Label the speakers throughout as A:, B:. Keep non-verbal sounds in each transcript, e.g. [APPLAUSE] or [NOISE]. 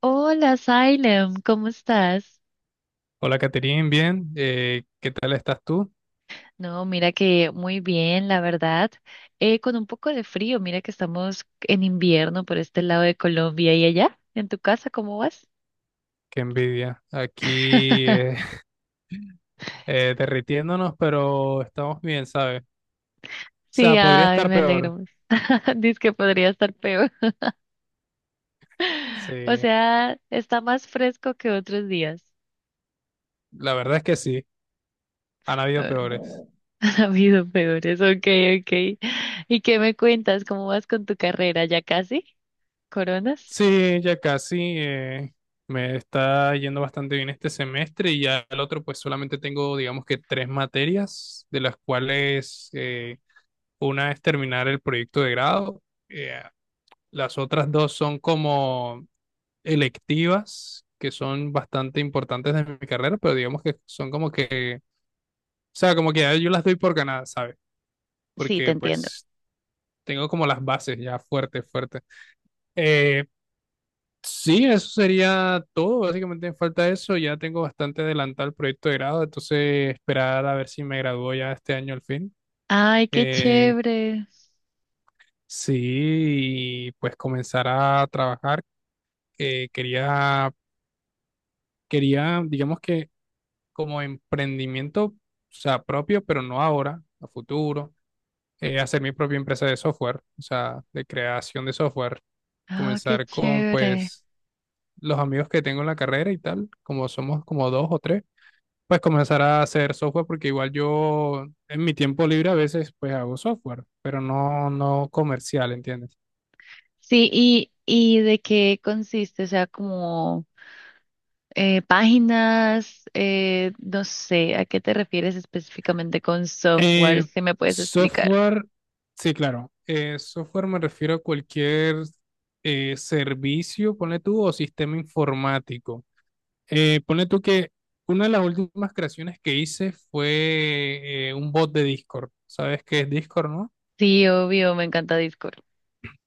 A: Hola, Salem, ¿cómo estás?
B: Hola, Caterín, bien. ¿Qué tal estás tú?
A: No, mira que muy bien, la verdad. Con un poco de frío, mira que estamos en invierno por este lado de Colombia y allá, en tu casa, ¿cómo vas?
B: Qué envidia. Aquí
A: [LAUGHS]
B: [LAUGHS] derritiéndonos, pero estamos bien, ¿sabes? O
A: Sí,
B: sea, podría
A: ay,
B: estar
A: me
B: peor.
A: alegro. [LAUGHS] Dice que podría estar peor. [LAUGHS] O
B: Sí,
A: sea, está más fresco que otros días.
B: la verdad es que sí, han habido
A: Ah,
B: peores.
A: [LAUGHS] Ha habido peores, ok, ok. ¿Y qué me cuentas? ¿Cómo vas con tu carrera? ¿Ya casi? ¿Coronas?
B: Sí, ya casi me está yendo bastante bien este semestre y ya el otro, pues solamente tengo, digamos que tres materias, de las cuales una es terminar el proyecto de grado. eh, las otras dos son como electivas que son bastante importantes de mi carrera, pero digamos que son como que, o sea, como que ya yo las doy por ganadas, ¿sabes?
A: Sí, te
B: Porque
A: entiendo.
B: pues tengo como las bases ya fuertes, fuertes. Eh, sí, eso sería todo, básicamente me falta eso, ya tengo bastante adelantado el proyecto de grado, entonces esperar a ver si me gradúo ya este año al fin.
A: Ay, qué
B: Eh,
A: chévere.
B: sí, y pues comenzar a trabajar. Eh, quería, quería, digamos que como emprendimiento, o sea, propio, pero no ahora, a futuro. Hacer mi propia empresa de software, o sea, de creación de software.
A: Ah, qué
B: Comenzar con,
A: chévere.
B: pues, los amigos que tengo en la carrera y tal, como somos como dos o tres, pues comenzar a hacer software porque igual yo en mi tiempo libre a veces pues hago software, pero no comercial, ¿entiendes?
A: Sí, ¿y de qué consiste? O sea, como páginas, no sé, ¿a qué te refieres específicamente con software?
B: Eh,
A: Si me puedes explicar.
B: software, sí, claro. Software me refiero a cualquier servicio, ponle tú, o sistema informático. Ponle tú que una de las últimas creaciones que hice fue un bot de Discord. ¿Sabes qué es Discord, no?
A: Sí, obvio, me encanta Discord.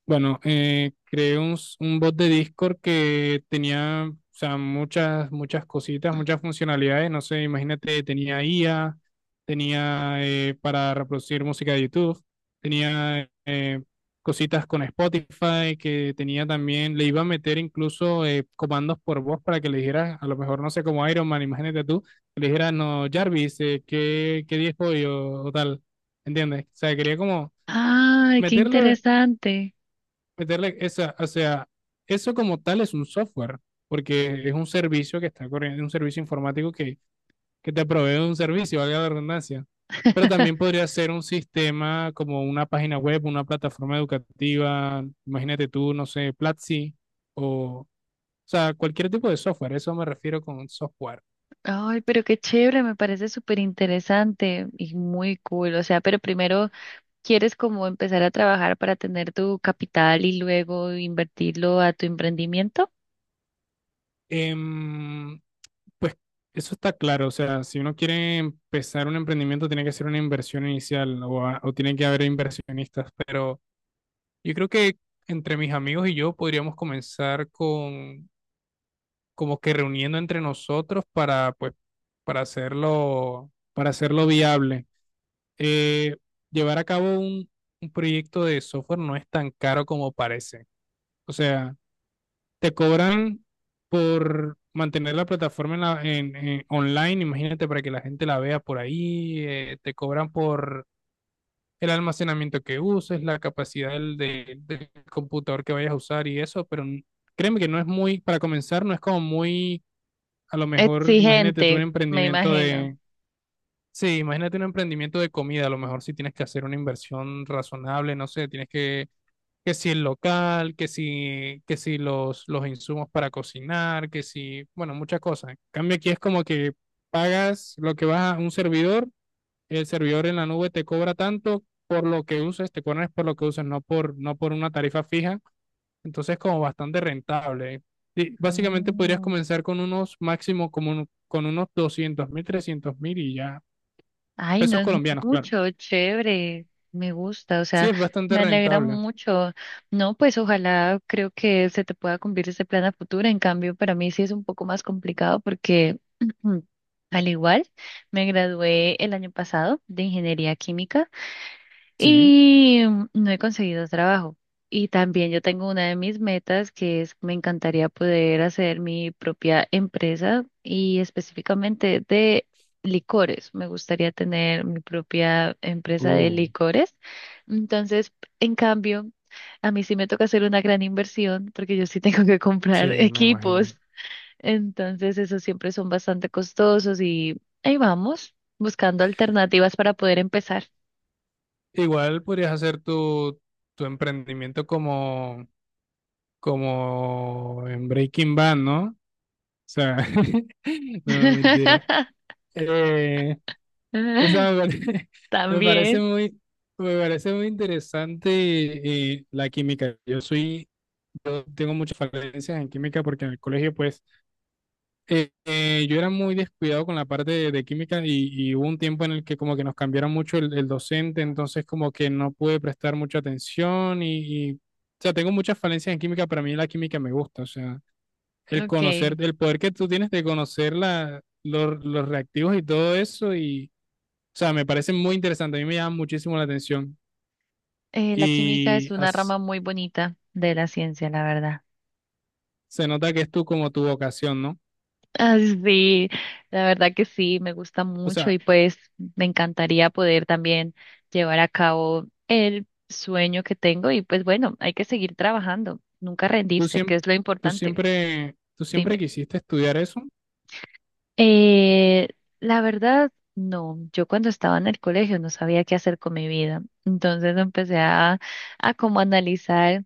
B: Bueno, creé un bot de Discord que tenía, o sea, muchas cositas, muchas funcionalidades. No sé, imagínate, tenía IA, tenía para reproducir música de YouTube, tenía cositas con Spotify, que tenía también, le iba a meter incluso comandos por voz para que le dijeras, a lo mejor, no sé, como Iron Man, imagínate tú, que le dijeras, no, Jarvis, ¿ qué día es hoy? O tal, ¿entiendes? O sea, quería como
A: Ay, qué
B: meterle
A: interesante.
B: meterle esa, o sea, eso como tal es un software, porque es un servicio que está corriendo, un servicio informático que te provee un servicio, valga la redundancia. Pero
A: [LAUGHS]
B: también podría ser un sistema como una página web, una plataforma educativa, imagínate tú, no sé, Platzi o sea, cualquier tipo de software, eso me refiero con software.
A: Ay, pero qué chévere, me parece súper interesante y muy cool. O sea, pero primero quieres como empezar a trabajar para tener tu capital y luego invertirlo a tu emprendimiento.
B: Em, pues eso está claro, o sea, si uno quiere empezar un emprendimiento tiene que hacer una inversión inicial o, o tiene que haber inversionistas, pero yo creo que entre mis amigos y yo podríamos comenzar con como que reuniendo entre nosotros para pues para hacerlo viable. Eh, llevar a cabo un proyecto de software no es tan caro como parece. O sea, te cobran por mantener la plataforma en online, imagínate para que la gente la vea por ahí, te cobran por el almacenamiento que uses, la capacidad del computador que vayas a usar y eso, pero créeme que no es muy, para comenzar, no es como muy, a lo mejor, imagínate tú un
A: Exigente, me
B: emprendimiento
A: imagino.
B: de, sí, imagínate un emprendimiento de comida, a lo mejor si tienes que hacer una inversión razonable, no sé, tienes que si el local, que si los, los insumos para cocinar, que si, bueno, muchas cosas. En cambio aquí es como que pagas lo que vas a un servidor, el servidor en la nube te cobra tanto por lo que uses, te cobran por lo que uses, no por una tarifa fija. Entonces, como bastante rentable. Y básicamente podrías
A: Mm.
B: comenzar con unos máximo, con unos doscientos mil, trescientos mil y ya.
A: Ay, no
B: Pesos
A: es
B: colombianos, claro.
A: mucho, chévere, me gusta, o
B: Sí,
A: sea,
B: es bastante
A: me alegra
B: rentable.
A: mucho. No, pues ojalá creo que se te pueda cumplir ese plan a futuro. En cambio, para mí sí es un poco más complicado porque, [CLEARS THROAT] al igual, me gradué el año pasado de ingeniería química.
B: Sí.
A: Y no he conseguido trabajo. Y también yo tengo una de mis metas que es, me encantaría poder hacer mi propia empresa y específicamente de licores. Me gustaría tener mi propia empresa de
B: Uh,
A: licores. Entonces, en cambio, a mí sí me toca hacer una gran inversión porque yo sí tengo que
B: sí,
A: comprar [LAUGHS]
B: me imagino.
A: equipos. Entonces, esos siempre son bastante costosos y ahí vamos, buscando alternativas para poder empezar.
B: Igual podrías hacer tu emprendimiento como en Breaking Bad, ¿no? O sea, [LAUGHS] no, mentira.
A: [LAUGHS]
B: Eh,
A: [LAUGHS]
B: me [LAUGHS] me parece,
A: También.
B: muy, me parece muy interesante la química. Yo tengo muchas falencias en química porque en el colegio, pues, yo era muy descuidado con la parte de química y hubo un tiempo en el que como que nos cambiaron mucho el docente, entonces como que no pude prestar mucha atención y, o sea, tengo muchas falencias en química, pero a mí la química me gusta, o sea, el
A: Ok.
B: conocer, el poder que tú tienes de conocer los reactivos y todo eso. O sea, me parece muy interesante, a mí me llama muchísimo la atención
A: La química es
B: y
A: una
B: as-
A: rama muy bonita de la ciencia, la verdad. [LAUGHS]
B: se nota que es tú como tu vocación, ¿no?
A: Ah, sí, la verdad que sí, me gusta
B: O
A: mucho
B: sea,
A: y pues me encantaría poder también llevar a cabo el sueño que tengo y pues bueno, hay que seguir trabajando, nunca
B: tú
A: rendirse, que
B: siempre,
A: es lo importante.
B: tú siempre
A: Dime.
B: quisiste estudiar eso.
A: Eh, la verdad, no, yo cuando estaba en el colegio no sabía qué hacer con mi vida, entonces a como analizar,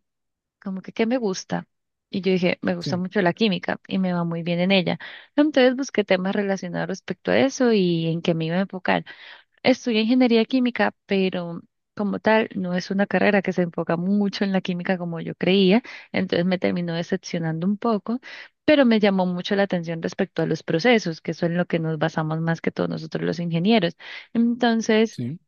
A: como que qué me gusta. Y yo dije, me gusta
B: Sí,
A: mucho la química y me va muy bien en ella. Entonces busqué temas relacionados respecto a eso y en qué me iba a enfocar. Estudié ingeniería química, pero como tal no es una carrera que se enfoca mucho en la química como yo creía, entonces me terminó decepcionando un poco, pero me llamó mucho la atención respecto a los procesos, que eso es en lo que nos basamos más que todos nosotros los ingenieros. Entonces,
B: sí,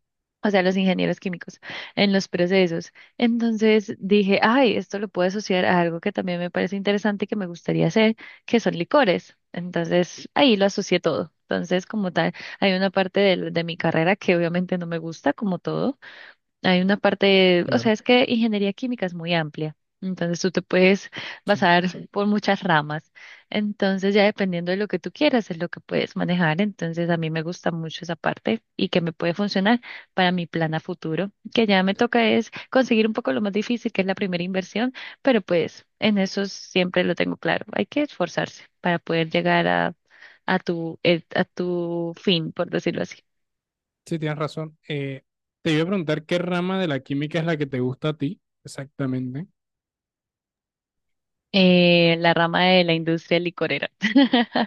A: o sea, los ingenieros químicos, en los procesos. Entonces dije, ay, esto lo puedo asociar a algo que también me parece interesante y que me gustaría hacer, que son licores. Entonces ahí lo asocié todo. Entonces, como tal, hay una parte de mi carrera que obviamente no me gusta, como todo. Hay una parte, o sea,
B: claro,
A: es que ingeniería química es muy amplia, entonces tú te puedes
B: sí,
A: basar por muchas ramas, entonces ya dependiendo de lo que tú quieras es lo que puedes manejar, entonces a mí me gusta mucho esa parte y que me puede funcionar para mi plan a futuro, que ya me toca es conseguir un poco lo más difícil, que es la primera inversión, pero pues en eso siempre lo tengo claro, hay que esforzarse para poder llegar a, a tu fin, por decirlo así.
B: sí, tienes razón. Te iba a preguntar qué rama de la química es la que te gusta a ti, exactamente.
A: La rama de la industria licorera. [LAUGHS]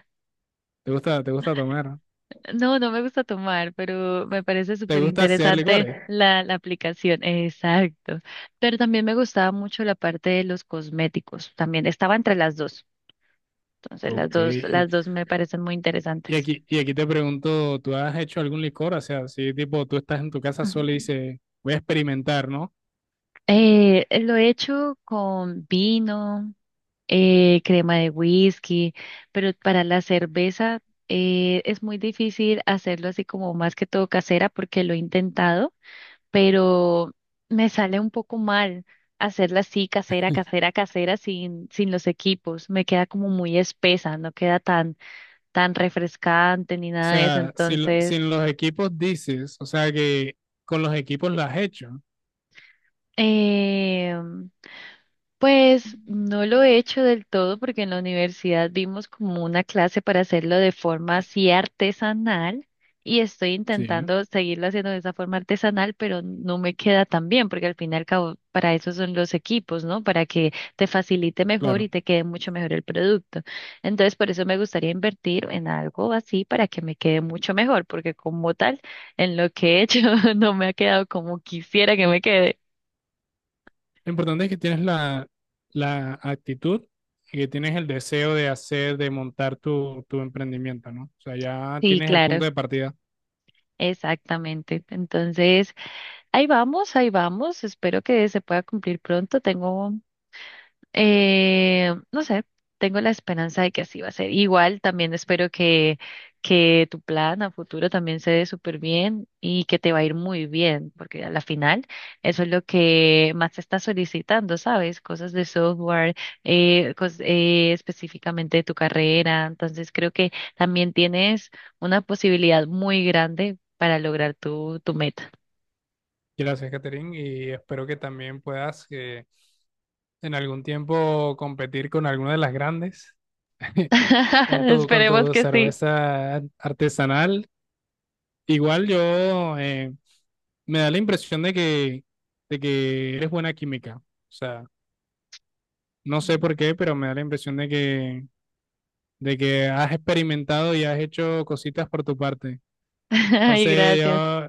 B: Te gusta tomar?
A: No, no me gusta tomar, pero me parece
B: ¿Te
A: súper
B: gusta hacer
A: interesante
B: licores?
A: la aplicación. Exacto. Pero también me gustaba mucho la parte de los cosméticos. También estaba entre las dos. Entonces,
B: Ok,
A: las dos me parecen muy interesantes.
B: y aquí te pregunto, ¿tú has hecho algún licor? O sea, si tipo tú estás en tu casa sola y dices, voy a experimentar, ¿no?
A: Lo he hecho con vino, crema de whisky, pero para la cerveza es muy difícil hacerlo así como más que todo casera porque lo he intentado pero me sale un poco mal hacerla así, casera, casera, casera, sin los equipos. Me queda como muy espesa, no queda tan, tan refrescante ni
B: O
A: nada de eso.
B: sea,
A: Entonces,
B: sin los equipos dices, o sea que con los equipos lo has hecho.
A: em, pues no lo he hecho del todo porque en la universidad vimos como una clase para hacerlo de forma así artesanal y estoy
B: Sí,
A: intentando seguirlo haciendo de esa forma artesanal, pero no me queda tan bien porque al fin y al cabo para eso son los equipos, ¿no? Para que te facilite mejor
B: claro.
A: y te quede mucho mejor el producto. Entonces por eso me gustaría invertir en algo así para que me quede mucho mejor porque como tal en lo que he hecho [LAUGHS] no me ha quedado como quisiera que me quede.
B: Lo importante es que tienes la actitud y que tienes el deseo de hacer, de montar tu emprendimiento, ¿no? O sea, ya
A: Sí,
B: tienes el
A: claro.
B: punto de partida.
A: Exactamente. Entonces, ahí vamos, ahí vamos. Espero que se pueda cumplir pronto. Tengo no sé, tengo la esperanza de que así va a ser. Igual también espero que tu plan a futuro también se dé súper bien y que te va a ir muy bien, porque a la final eso es lo que más se está solicitando, ¿sabes? Cosas de software, específicamente de tu carrera. Entonces creo que también tienes una posibilidad muy grande para lograr tu, tu meta.
B: Gracias, Catherine, y espero que también puedas en algún tiempo competir con alguna de las grandes, [LAUGHS] con
A: [LAUGHS]
B: con
A: Esperemos
B: tu
A: que sí.
B: cerveza artesanal. Igual yo me da la impresión de que eres buena química. O sea, no sé por qué, pero me da la impresión de que has experimentado y has hecho cositas por tu parte.
A: [LAUGHS] Ay,
B: Entonces,
A: gracias.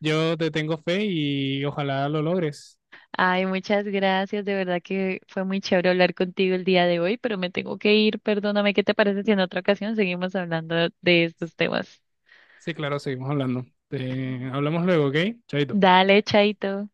B: yo te tengo fe y ojalá lo logres.
A: Ay, muchas gracias. De verdad que fue muy chévere hablar contigo el día de hoy, pero me tengo que ir. Perdóname, ¿qué te parece si en otra ocasión seguimos hablando de estos temas?
B: Sí, claro, seguimos hablando. Hablamos luego, ¿ok? Chaito.
A: Dale, chaito.